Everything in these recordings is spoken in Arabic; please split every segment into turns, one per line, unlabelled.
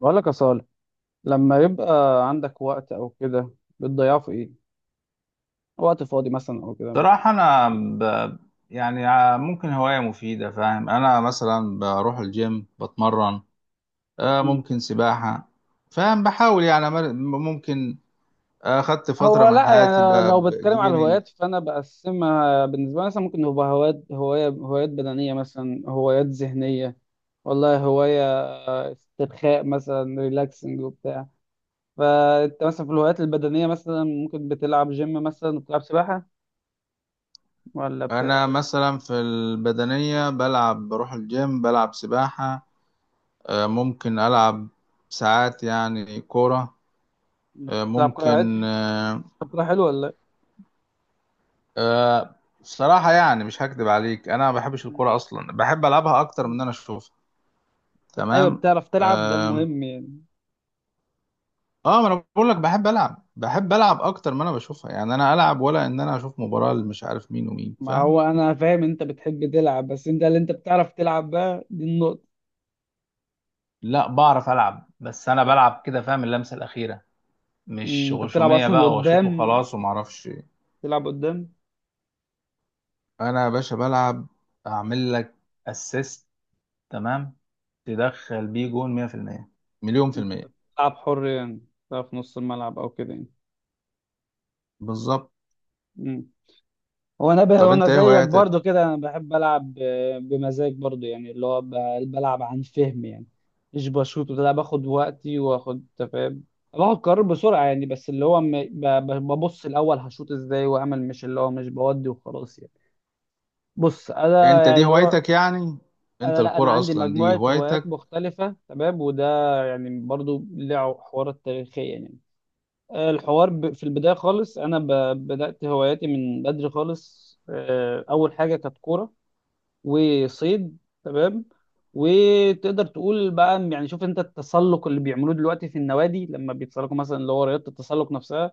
بقول لك يا صالح، لما يبقى عندك وقت او كده بتضيعه في ايه؟ وقت فاضي مثلا او كده
صراحة أنا ممكن هواية مفيدة، فاهم؟ أنا مثلا بروح الجيم بتمرن،
مم.
ممكن سباحة، فاهم؟ بحاول يعني ممكن، خدت
هو
فترة من
لا،
حياتي
يعني لو بتكلم على
بجيمنج.
الهوايات فانا بقسمها بالنسبه لي. مثلا ممكن يبقى هوايات بدنيه، مثلا هوايات ذهنيه. والله هوايه استرخاء مثلا، ريلاكسنج وبتاع. فانت مثلا في الهوايات البدنيه مثلا ممكن بتلعب جيم، مثلا بتلعب سباحه، ولا
أنا
بتلعب
مثلا في البدنية بلعب، بروح الجيم، بلعب سباحة، ممكن ألعب ساعات يعني كورة، آه،
بتلعب كره عادي؟
ممكن آه،
بتلعب كره حلوه ولا
آه، بصراحة يعني مش هكدب عليك، أنا ما بحبش
إيه؟
الكورة أصلا، بحب ألعبها أكتر من
مم.
إن أنا أشوفها.
ايوه،
تمام.
بتعرف تلعب، ده
آم،
المهم يعني.
اه ما انا بقول لك، بحب العب اكتر ما انا بشوفها، يعني انا العب ولا ان انا اشوف مباراة مش عارف مين ومين،
ما
فاهم؟
هو انا فاهم انت بتحب تلعب، بس انت اللي انت بتعرف تلعب بقى دي النقطة.
لا، بعرف العب بس انا بلعب كده، فاهم؟ اللمسه الاخيره، مش
انت بتلعب
غشوميه
اصلا
بقى واشوط
قدام؟
وخلاص وما اعرفش إيه.
تلعب قدام؟
انا يا باشا بلعب، اعمل لك اسيست، تمام، تدخل بيه جون، 100%، مليون في المية،
بتلعب حر يعني؟ بتلعب في نص الملعب او كده يعني؟
بالظبط.
أمم. هو
طب
انا
انت ايه
زيك
هواياتك؟
برضو كده، انا بحب العب بمزاج برضو يعني، اللي هو بلعب عن فهم يعني، مش بشوط ولا باخد وقتي، واخد تفاهم، باخد قرار بسرعة يعني. بس اللي هو ببص الاول هشوط ازاي واعمل، مش اللي هو مش بودي وخلاص يعني. بص انا
انت دي
يعني، هو
هوايتك يعني؟ انت
انا لا، انا
الكرة
عندي
اصلا دي
مجموعه هوايات
هوايتك؟
مختلفه تمام. وده يعني برضو له حوارات تاريخيه يعني. الحوار في البدايه خالص انا بدات هواياتي من بدري خالص. اول حاجه كانت كوره وصيد. تمام. وتقدر تقول بقى يعني، شوف انت التسلق اللي بيعملوه دلوقتي في النوادي لما بيتسلقوا مثلا، اللي هو رياضه التسلق نفسها،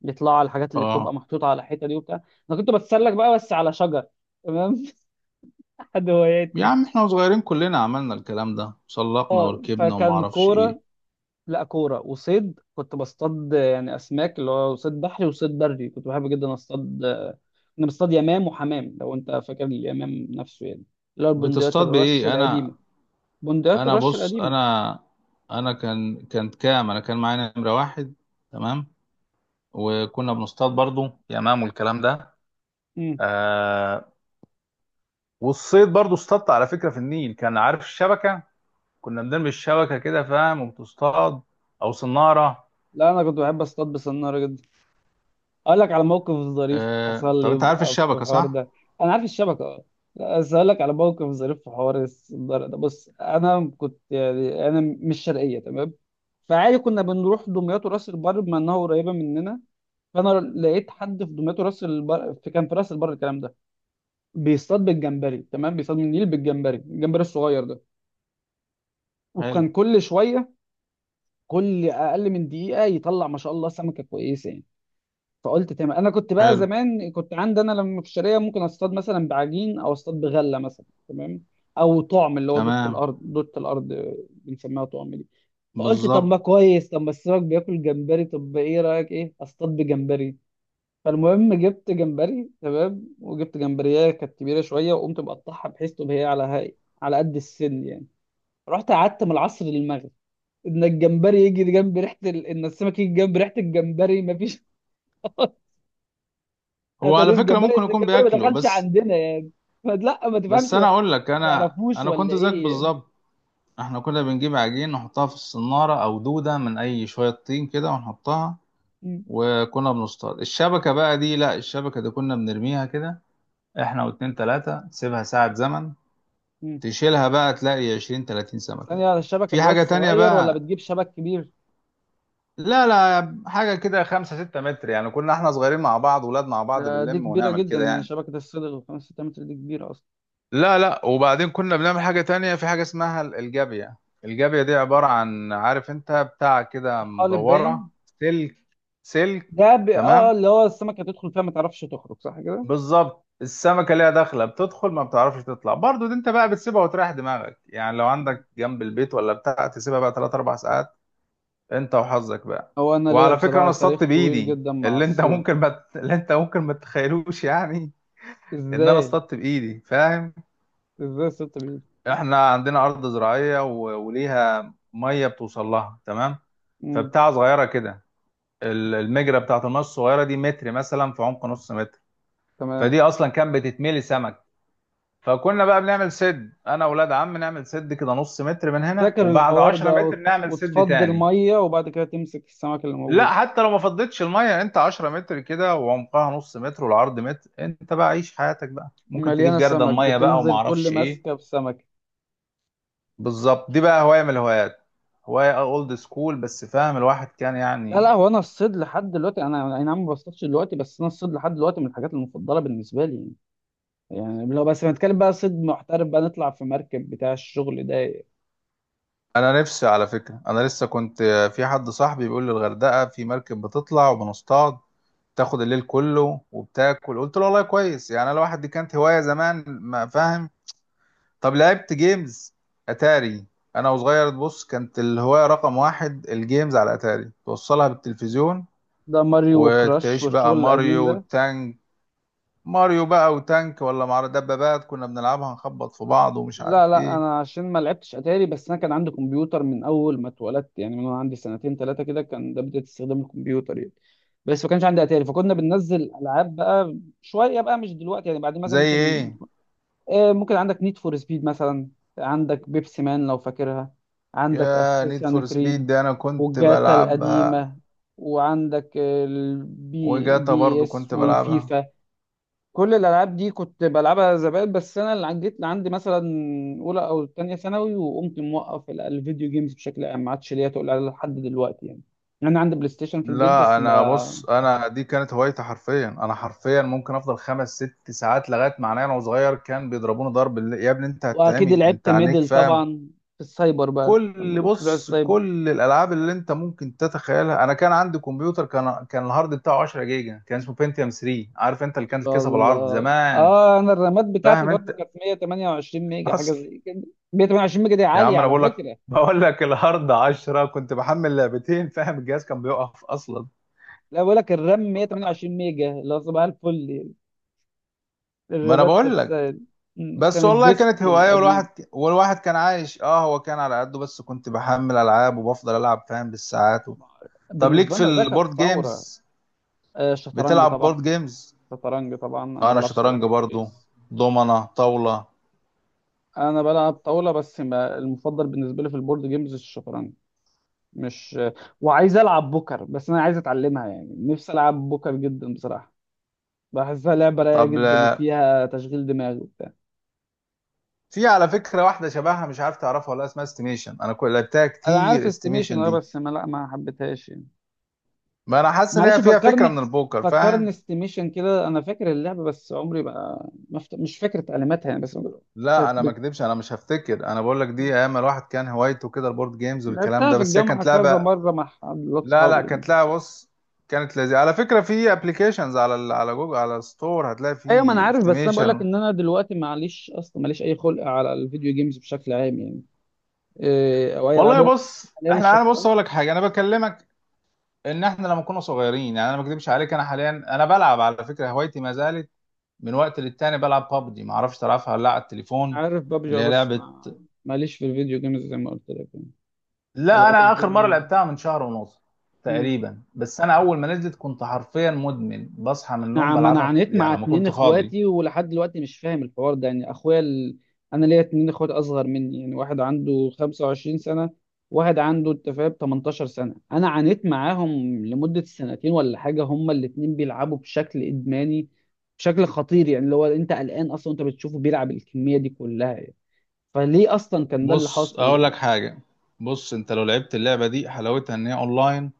بيطلعوا على الحاجات اللي بتبقى
اه.
محطوطه على الحيطه دي وبتاع. انا كنت بتسلق بقى بس على شجر. تمام. حد
يا
هواياتي.
عم احنا صغيرين كلنا عملنا الكلام ده، سلقنا
اه،
وركبنا وما
فكان
اعرفش ايه.
كوره. لا، كورة وصيد، كنت بصطاد يعني أسماك، اللي هو صيد بحري وصيد بري، كنت بحب جدا أصطاد. كنا بنصطاد يمام وحمام، لو أنت فاكر اليمام نفسه يعني، اللي هو البندقيات
بتصطاد
الرش
بايه؟ انا
القديمة، بندقيات
انا
الرش
بص
القديمة.
انا انا كان كانت كام انا كان معايا نمره واحد، تمام، وكنا بنصطاد برضو يمام والكلام ده.
مم.
آه والصيد برضو اصطادت على فكره في النيل، كان عارف الشبكه؟ كنا بنرمي الشبكه كده فاهم وبتصطاد، او صناره.
لا، أنا كنت بحب أصطاد بسنارة جدا. أقول لك على موقف ظريف حصل لي،
طب انت عارف
يبقى في
الشبكه
الحوار
صح؟
ده. أنا عارف الشبكة أه. لا، بس أقول لك على موقف ظريف في حوار السنارة ده. بص، أنا كنت يعني، أنا مش شرقية تمام، فعادي كنا بنروح دمياط وراس البر بما انها قريبه مننا. فانا لقيت حد في دمياط راس البر، في كان في راس البر الكلام ده، بيصطاد بالجمبري. تمام. بيصطاد من النيل بالجمبري، الجمبري الصغير ده.
حلو.
وكان كل اقل من دقيقه يطلع ما شاء الله سمكه كويسه يعني. فقلت تمام، انا كنت بقى
حلو.
زمان كنت عندي، انا لما في الشارع ممكن اصطاد مثلا بعجين، او اصطاد بغله مثلا، تمام، او طعم اللي هو دوت
تمام.
الارض. دوت الارض بنسميها طعم دي. فقلت طب
بالظبط.
ما كويس، طب ما السمك بياكل جمبري، طب ايه رايك ايه اصطاد بجمبري. فالمهم جبت جمبري، تمام، وجبت جمبريه كانت كبيره شويه، وقمت مقطعها بحيث تبقى هي على هاي، على قد السن يعني. رحت قعدت من العصر للمغرب، ان الجمبري يجي جنب ريحه ان السمك يجي جنب ريحه الجمبري، ما فيش.
هو على
اتاري
فكرة
الجمبري
ممكن يكون
الجمبري ما
بياكله
دخلش
بس.
عندنا يعني. فلا ما تفهمش،
بس
ما
انا اقول لك،
ما
انا
يعرفوش
انا
ولا
كنت زيك
ايه يعني.
بالظبط. احنا كنا بنجيب عجين نحطها في الصنارة، او دودة من اي شوية طين كده ونحطها.
مم.
وكنا بنصطاد الشبكة بقى دي، لا الشبكة دي كنا بنرميها كده، احنا واتنين تلاتة، تسيبها ساعة زمن،
مم.
تشيلها بقى تلاقي 20 30 سمكة.
ثانيه، على الشبكه
في
اللي هي
حاجة تانية
الصغير ولا
بقى.
بتجيب شبك كبير؟
لا لا، حاجة كده 5 6 متر يعني، كنا احنا صغيرين مع بعض، ولاد مع بعض
دي
بنلم
كبيره
ونعمل
جدا
كده
يعني،
يعني.
شبكه الصيد الخمس 6 متر دي كبيره اصلا.
لا لا، وبعدين كنا بنعمل حاجة تانية، في حاجة اسمها الجابية. الجابية دي عبارة عن، عارف انت بتاع كده
طحالب
مدورة،
باين.
سلك، سلك.
اه،
تمام،
اللي هو السمكة تدخل فيها ما تعرفش تخرج، صح كده؟
بالظبط. السمكة ليها داخلة، بتدخل ما بتعرفش تطلع، برضو دي انت بقى بتسيبها وتريح دماغك يعني، لو
مم.
عندك جنب البيت ولا بتاع، تسيبها بقى 3 4 ساعات، انت وحظك بقى.
هو انا ليا
وعلى فكرة انا
بصراحة تاريخ
اصطدت
طويل
بايدي،
جدا مع
اللي انت
الصيد.
ممكن ما ت- اللي انت ممكن ما تتخيلوش يعني. ان انا
ازاي؟
اصطدت بايدي، فاهم؟
ازاي الصيد بيه؟
احنا عندنا ارض زراعيه وليها ميه بتوصل لها، تمام.
امم
فبتاع صغيره كده، المجرى بتاعت الميه الصغيره دي متر مثلا في عمق نص متر.
تمام.
فدي اصلا كانت بتتملي سمك. فكنا بقى بنعمل سد، انا واولاد عم نعمل سد كده، نص متر
انا
من هنا
فاكر
وبعد
الحوار
10
ده،
متر نعمل سد
وتفضي
تاني.
المية وبعد كده تمسك السمك اللي
لا،
موجود،
حتى لو ما فضتش الميه، انت 10 متر كده وعمقها نص متر والعرض متر، انت بقى عيش حياتك بقى، ممكن تجيب
مليانة
جردل
سمك،
ميه بقى وما
بتنزل كل
اعرفش ايه.
ماسكة بسمكة.
بالظبط. دي بقى هواية من الهوايات، هواية اولد سكول، بس فاهم الواحد كان
لا
يعني.
لا، هو انا الصيد لحد دلوقتي، انا اي نعم ما بصطادش دلوقتي، بس انا الصيد لحد دلوقتي من الحاجات المفضلة بالنسبة لي يعني. يعني لو بس بنتكلم بقى صيد محترف بقى، نطلع في مركب بتاع الشغل ده.
انا نفسي، على فكرة انا لسه كنت، في حد صاحبي بيقول لي الغردقة في مركب بتطلع وبنصطاد، تاخد الليل كله وبتاكل، قلت له والله كويس يعني، انا الواحد دي كانت هواية زمان ما فاهم. طب لعبت جيمز؟ اتاري. انا وصغير بص، كانت الهواية رقم واحد الجيمز على اتاري، توصلها بالتلفزيون،
ده ماريو وكراش
وتعيش بقى
والشغل القديم
ماريو
ده.
وتانج، ماريو بقى وتانك، ولا مع دبابات كنا بنلعبها نخبط في بعض ومش عارف
لا لا،
ايه.
انا عشان ما لعبتش اتاري، بس انا كان عندي كمبيوتر من اول ما اتولدت يعني، من وانا عندي سنتين ثلاثه كده، كان ده بدايه استخدام الكمبيوتر يعني. بس ما كانش عندي اتاري، فكنا بننزل العاب بقى شويه بقى، مش دلوقتي يعني، بعدين مثلا
زي
ممكن
ايه؟
آه، ممكن عندك نيد فور سبيد مثلا، عندك بيبسي مان لو فاكرها،
يا
عندك
نيد
اساسن
فور سبيد
كريد
دي انا كنت
والجاتا
بلعبها،
القديمه، وعندك البي
وجاتا
بي
برضو
اس
كنت بلعبها.
والفيفا. كل الالعاب دي كنت بلعبها زمان. بس انا اللي جيت عندي مثلا اولى او تانية ثانوي وقمت موقف الفيديو جيمز بشكل عام، ما عادش ليا تقول عليها لحد دلوقتي يعني. انا عندي بلاي ستيشن في البيت
لا
بس
انا
ما.
بص، انا دي كانت هوايتي حرفيا، انا حرفيا ممكن افضل 5 6 ساعات، لغايه معناه انا وصغير كان بيضربوني ضرب يا ابني انت
واكيد
هتتعمي، انت
لعبت
عينيك،
ميدل
فاهم؟
طبعا في السايبر بقى، لما
كل
كنت بروح
بص
السايبر.
كل الالعاب اللي انت ممكن تتخيلها، انا كان عندي كمبيوتر، كان الهارد بتاعه 10 جيجا، كان اسمه بنتيوم 3، عارف انت اللي
ما
كانت
شاء
الكيسه بالعرض
الله.
زمان،
اه، انا الرامات بتاعتي
فاهم
برضو
انت؟
كانت 128 ميجا حاجه
اصل.
زي كده. 128 ميجا دي
يا
عاليه
عم انا
على
بقول لك،
فكره.
الهارد 10، كنت بحمل لعبتين فاهم، الجهاز كان بيقف اصلا.
لا، بقول لك الرام 128 ميجا اللي هو صباح الفل يعني.
ما انا
الرامات
بقول
نفسها
لك.
يعني. مم.
بس
كان
والله
الديسك
كانت هوايه،
القديم.
والواحد كان عايش، اه هو كان على قده بس، كنت بحمل العاب وبفضل العب فاهم، بالساعات طب ليك
بالنسبة
في
لنا ده كانت
البورد
ثورة.
جيمز؟
الشطرنج
بتلعب
طبعا.
بورد جيمز؟
الشطرنج طبعا، أنا
انا
بلعب شطرنج
شطرنج برضو،
كويس.
دومنة، طاولة.
أنا بلعب طاولة، بس ما المفضل بالنسبة لي في البورد جيمز الشطرنج مش. وعايز ألعب بوكر، بس أنا عايز أتعلمها يعني، نفسي ألعب بوكر جدا بصراحة، بحسها لعبة رايقة
طب
جدا
لا-
وفيها تشغيل دماغ وبتاع.
في على فكرة واحدة شبهها مش عارف تعرفها، ولا اسمها استيميشن، انا كل لعبتها
أنا عارف
كتير
استيميشن
استيميشن
أه،
دي.
بس ما، لا ما حبيتهاش يعني.
ما انا حاسس ان
معلش
هي فيها فكرة من
فكرني،
البوكر،
فكرني
فاهم؟
استيميشن كده. أنا فاكر اللعبة بس عمري ما مش فاكر تعليماتها يعني. بس
لا
كانت
انا ما اكدبش، انا مش هفتكر، انا بقول لك دي
بت...
ايام الواحد كان هوايته كده البورد جيمز والكلام
لعبتها
ده،
في
بس هي
الجامعة
كانت
كذا
لعبة.
مرة مع حد
لا
صحابي
لا
يعني.
كانت لعبة بص، كانت لذيذة، على فكرة في ابلكيشنز على على جوجل، على ستور هتلاقي
ايوه، ما انا
فيه
عارف. بس انا بقول لك
استيميشن.
ان انا دلوقتي معليش، اصلا ماليش اي خلق على الفيديو جيمز بشكل عام يعني. إيه او اي
والله
العاب؟
بص،
حاليا
احنا، انا بص
الشطرنج.
اقول لك حاجة، انا بكلمك ان احنا لما كنا صغيرين يعني، انا ما اكذبش عليك، انا حاليا انا بلعب، على فكره هوايتي ما زالت، من وقت للتاني بلعب بابجي، ما اعرفش تلعبها ولا لا على التليفون،
عارف ببجي،
اللي هي
بس
لعبه.
ما، ماليش في الفيديو جيمز زي ما قلت لك يعني،
لا،
العاب
انا اخر مره
الفيديو.
لعبتها من شهر ونص تقريبا، بس انا اول ما نزلت كنت حرفيا مدمن، بصحى من
انا
النوم
ما انا
بلعبها
عانيت مع
يعني لما
اتنين
كنت فاضي.
اخواتي ولحد دلوقتي مش فاهم الحوار ده يعني. اخويا انا ليا اتنين اخوات اصغر مني يعني. واحد عنده 25 سنة، واحد عنده، انت فاهم، 18 سنة. انا عانيت معاهم لمدة سنتين ولا حاجة، هما الاتنين بيلعبوا بشكل ادماني، بشكل خطير يعني، اللي هو انت قلقان اصلا انت بتشوفه بيلعب الكمية دي كلها يعني. فليه اصلا كان ده اللي
بص
حاصل
اقول
يعني؟
لك حاجه. بص انت لو لعبت اللعبه دي، حلاوتها ان هي اونلاين،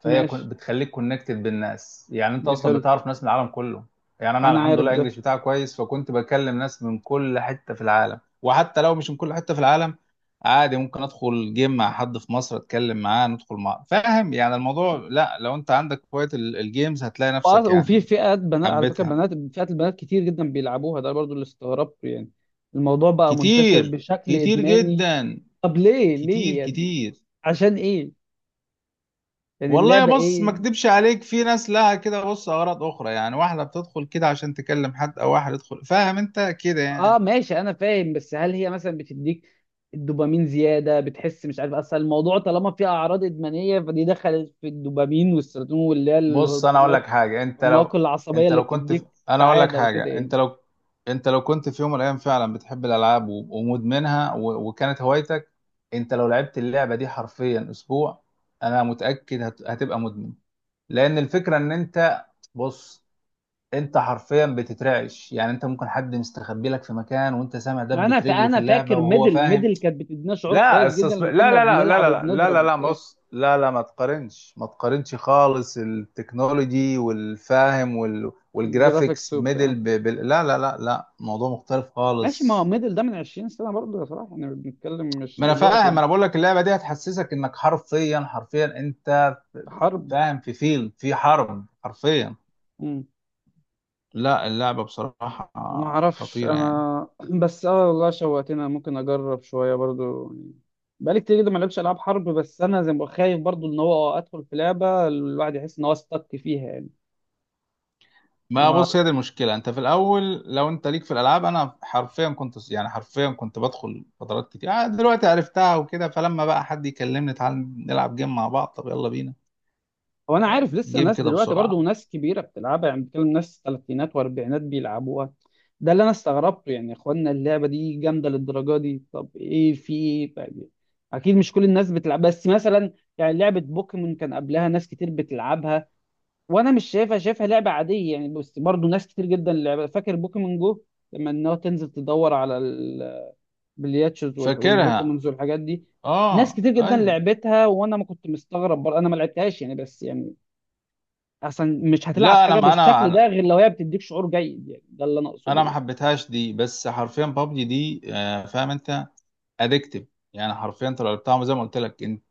فهي
ماشي.
بتخليك كونكتد بالناس، يعني انت
دي
اصلا
حلو.
بتعرف ناس من العالم كله. يعني انا
انا
الحمد
عارف
لله
ده.
انجلش بتاعي كويس، فكنت بكلم ناس من كل حته في العالم، وحتى لو مش من كل حته في العالم، عادي ممكن ادخل جيم مع حد في مصر، اتكلم معاه، ندخل مع فاهم يعني. الموضوع، لا، لو انت عندك هوايه الجيمز، هتلاقي نفسك
وفي
يعني.
فئات بنات على فكره،
حبيتها.
بنات، فئات البنات كتير جدا بيلعبوها. ده برضو اللي استغربته يعني. الموضوع بقى منتشر
كتير،
بشكل
كتير
ادماني.
جدا،
طب ليه،
كتير
ليه يعني؟
كتير.
عشان ايه؟ يعني
والله
اللعبه
بص، ما
ايه؟
اكدبش عليك، في ناس لها كده بص اغراض اخرى يعني، واحده بتدخل كده عشان تكلم حد، او واحد يدخل فاهم انت كده
اه
يعني.
ماشي، انا فاهم. بس هل هي مثلا بتديك الدوبامين زياده؟ بتحس، مش عارف، اصل الموضوع طالما فيه اعراض ادمانيه فدي دخلت في الدوبامين والسيروتونين، واللي هي
بص انا اقول لك
الهرمونات
حاجه، انت لو
والناقل العصبيه
انت
اللي
لو
بتديك
انا اقول لك
سعاده
حاجه،
وكده يعني.
انت لو كنت في يوم من الايام فعلا بتحب الالعاب ومدمنها وكانت هوايتك، انت لو لعبت اللعبه دي حرفيا اسبوع، انا متاكد هتبقى مدمن. لان الفكره ان انت، بص انت حرفيا بتترعش، يعني انت ممكن حد مستخبي لك في مكان، وانت سامع
ما
دبة
انا
رجله في
فانا
اللعبة
فاكر
وهو،
ميدل،
فاهم؟
ميدل كانت بتدينا شعور
لا
كويس جدا لما
لا
كنا
لا لا لا
بنلعب
لا لا لا
وبنضرب
لا لا
وبتاع.
بص، لا لا، ما تقارنش، ما تقارنش خالص، التكنولوجي والفاهم
جرافيكس
والجرافيكس
وبتاع.
ميدل لا لا لا لا، موضوع مختلف
ماشي. ما هو
خالص.
ميدل ده من 20 سنة برضه يا صلاح، احنا بنتكلم مش
ما انا
دلوقتي
فاهم،
يعني.
انا بقول لك اللعبة دي هتحسسك انك حرفيا، حرفيا انت
حرب.
فاهم، في فيلم، في حرب حرفيا.
مم.
لا اللعبة بصراحة
ما اعرفش
خطيرة يعني.
انا بس اه، والله شوقتني. أنا ممكن اجرب شوية برضه، بقالي كتير جدا ما لعبش العاب حرب. بس انا زي ما بقول خايف برضه ان هو ادخل في لعبة الواحد يحس ان هو استك فيها يعني.
ما بص هي دي المشكله، انت في الاول لو انت ليك في الالعاب، انا حرفيا كنت يعني، حرفيا كنت بدخل فترات كتير، دلوقتي عرفتها وكده، فلما بقى حد يكلمني تعال نلعب جيم مع بعض، طب يلا بينا
هو انا عارف لسه
جيم
ناس
كده
دلوقتي برضه
بسرعه.
ناس كبيره بتلعبها يعني، بتكلم ناس ثلاثينات واربعينات بيلعبوها. ده اللي انا استغربته يعني. يا اخوانا اللعبه دي جامده للدرجه دي؟ طب ايه في ايه طيب. اكيد مش كل الناس بتلعب. بس مثلا يعني لعبه بوكيمون كان قبلها ناس كتير بتلعبها، وانا مش شايفها، شايفها لعبه عاديه يعني، بس برضه ناس كتير جدا لعبها. فاكر بوكيمون جو لما انها تنزل تدور على البلياتشز
فاكرها.
والبوكيمونز والحاجات دي. ناس
اه،
كتير جدا
ايوه.
لعبتها وانا ما كنت مستغرب برضه، انا ما لعبتهاش يعني. بس يعني اصلا مش هتلعب
لا انا
حاجه
ما انا،
بالشكل ده
انا
غير لو هي بتديك شعور جيد يعني، ده اللي انا اقصده
أنا ما
يعني.
حبيتهاش دي، بس حرفيا بابجي دي، فاهم انت، ادكتيف يعني. حرفيا انت لو لعبتها زي ما قلت لك، انت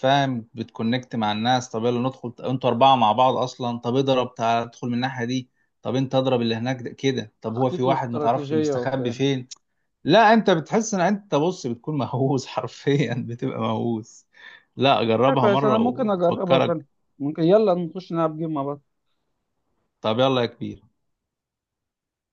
فاهم بتكونكت مع الناس، طب يلا ندخل انتوا اربعه مع بعض اصلا، طب اضرب تعال ادخل من الناحيه دي، طب انت اضرب اللي هناك ده كده، طب هو في
تخطيط
واحد ما تعرفش
واستراتيجيه
مستخبي
وبتاع.
فين. لا، انت بتحس ان انت، بص بتكون مهووس حرفيا بتبقى مهووس. لا
حاجة
جربها
كويس، انا
مره
ممكن اجربها فعلا.
وهتفكرك.
ممكن يلا نخش نلعب جيم مع بعض.
طب يلا يا كبير.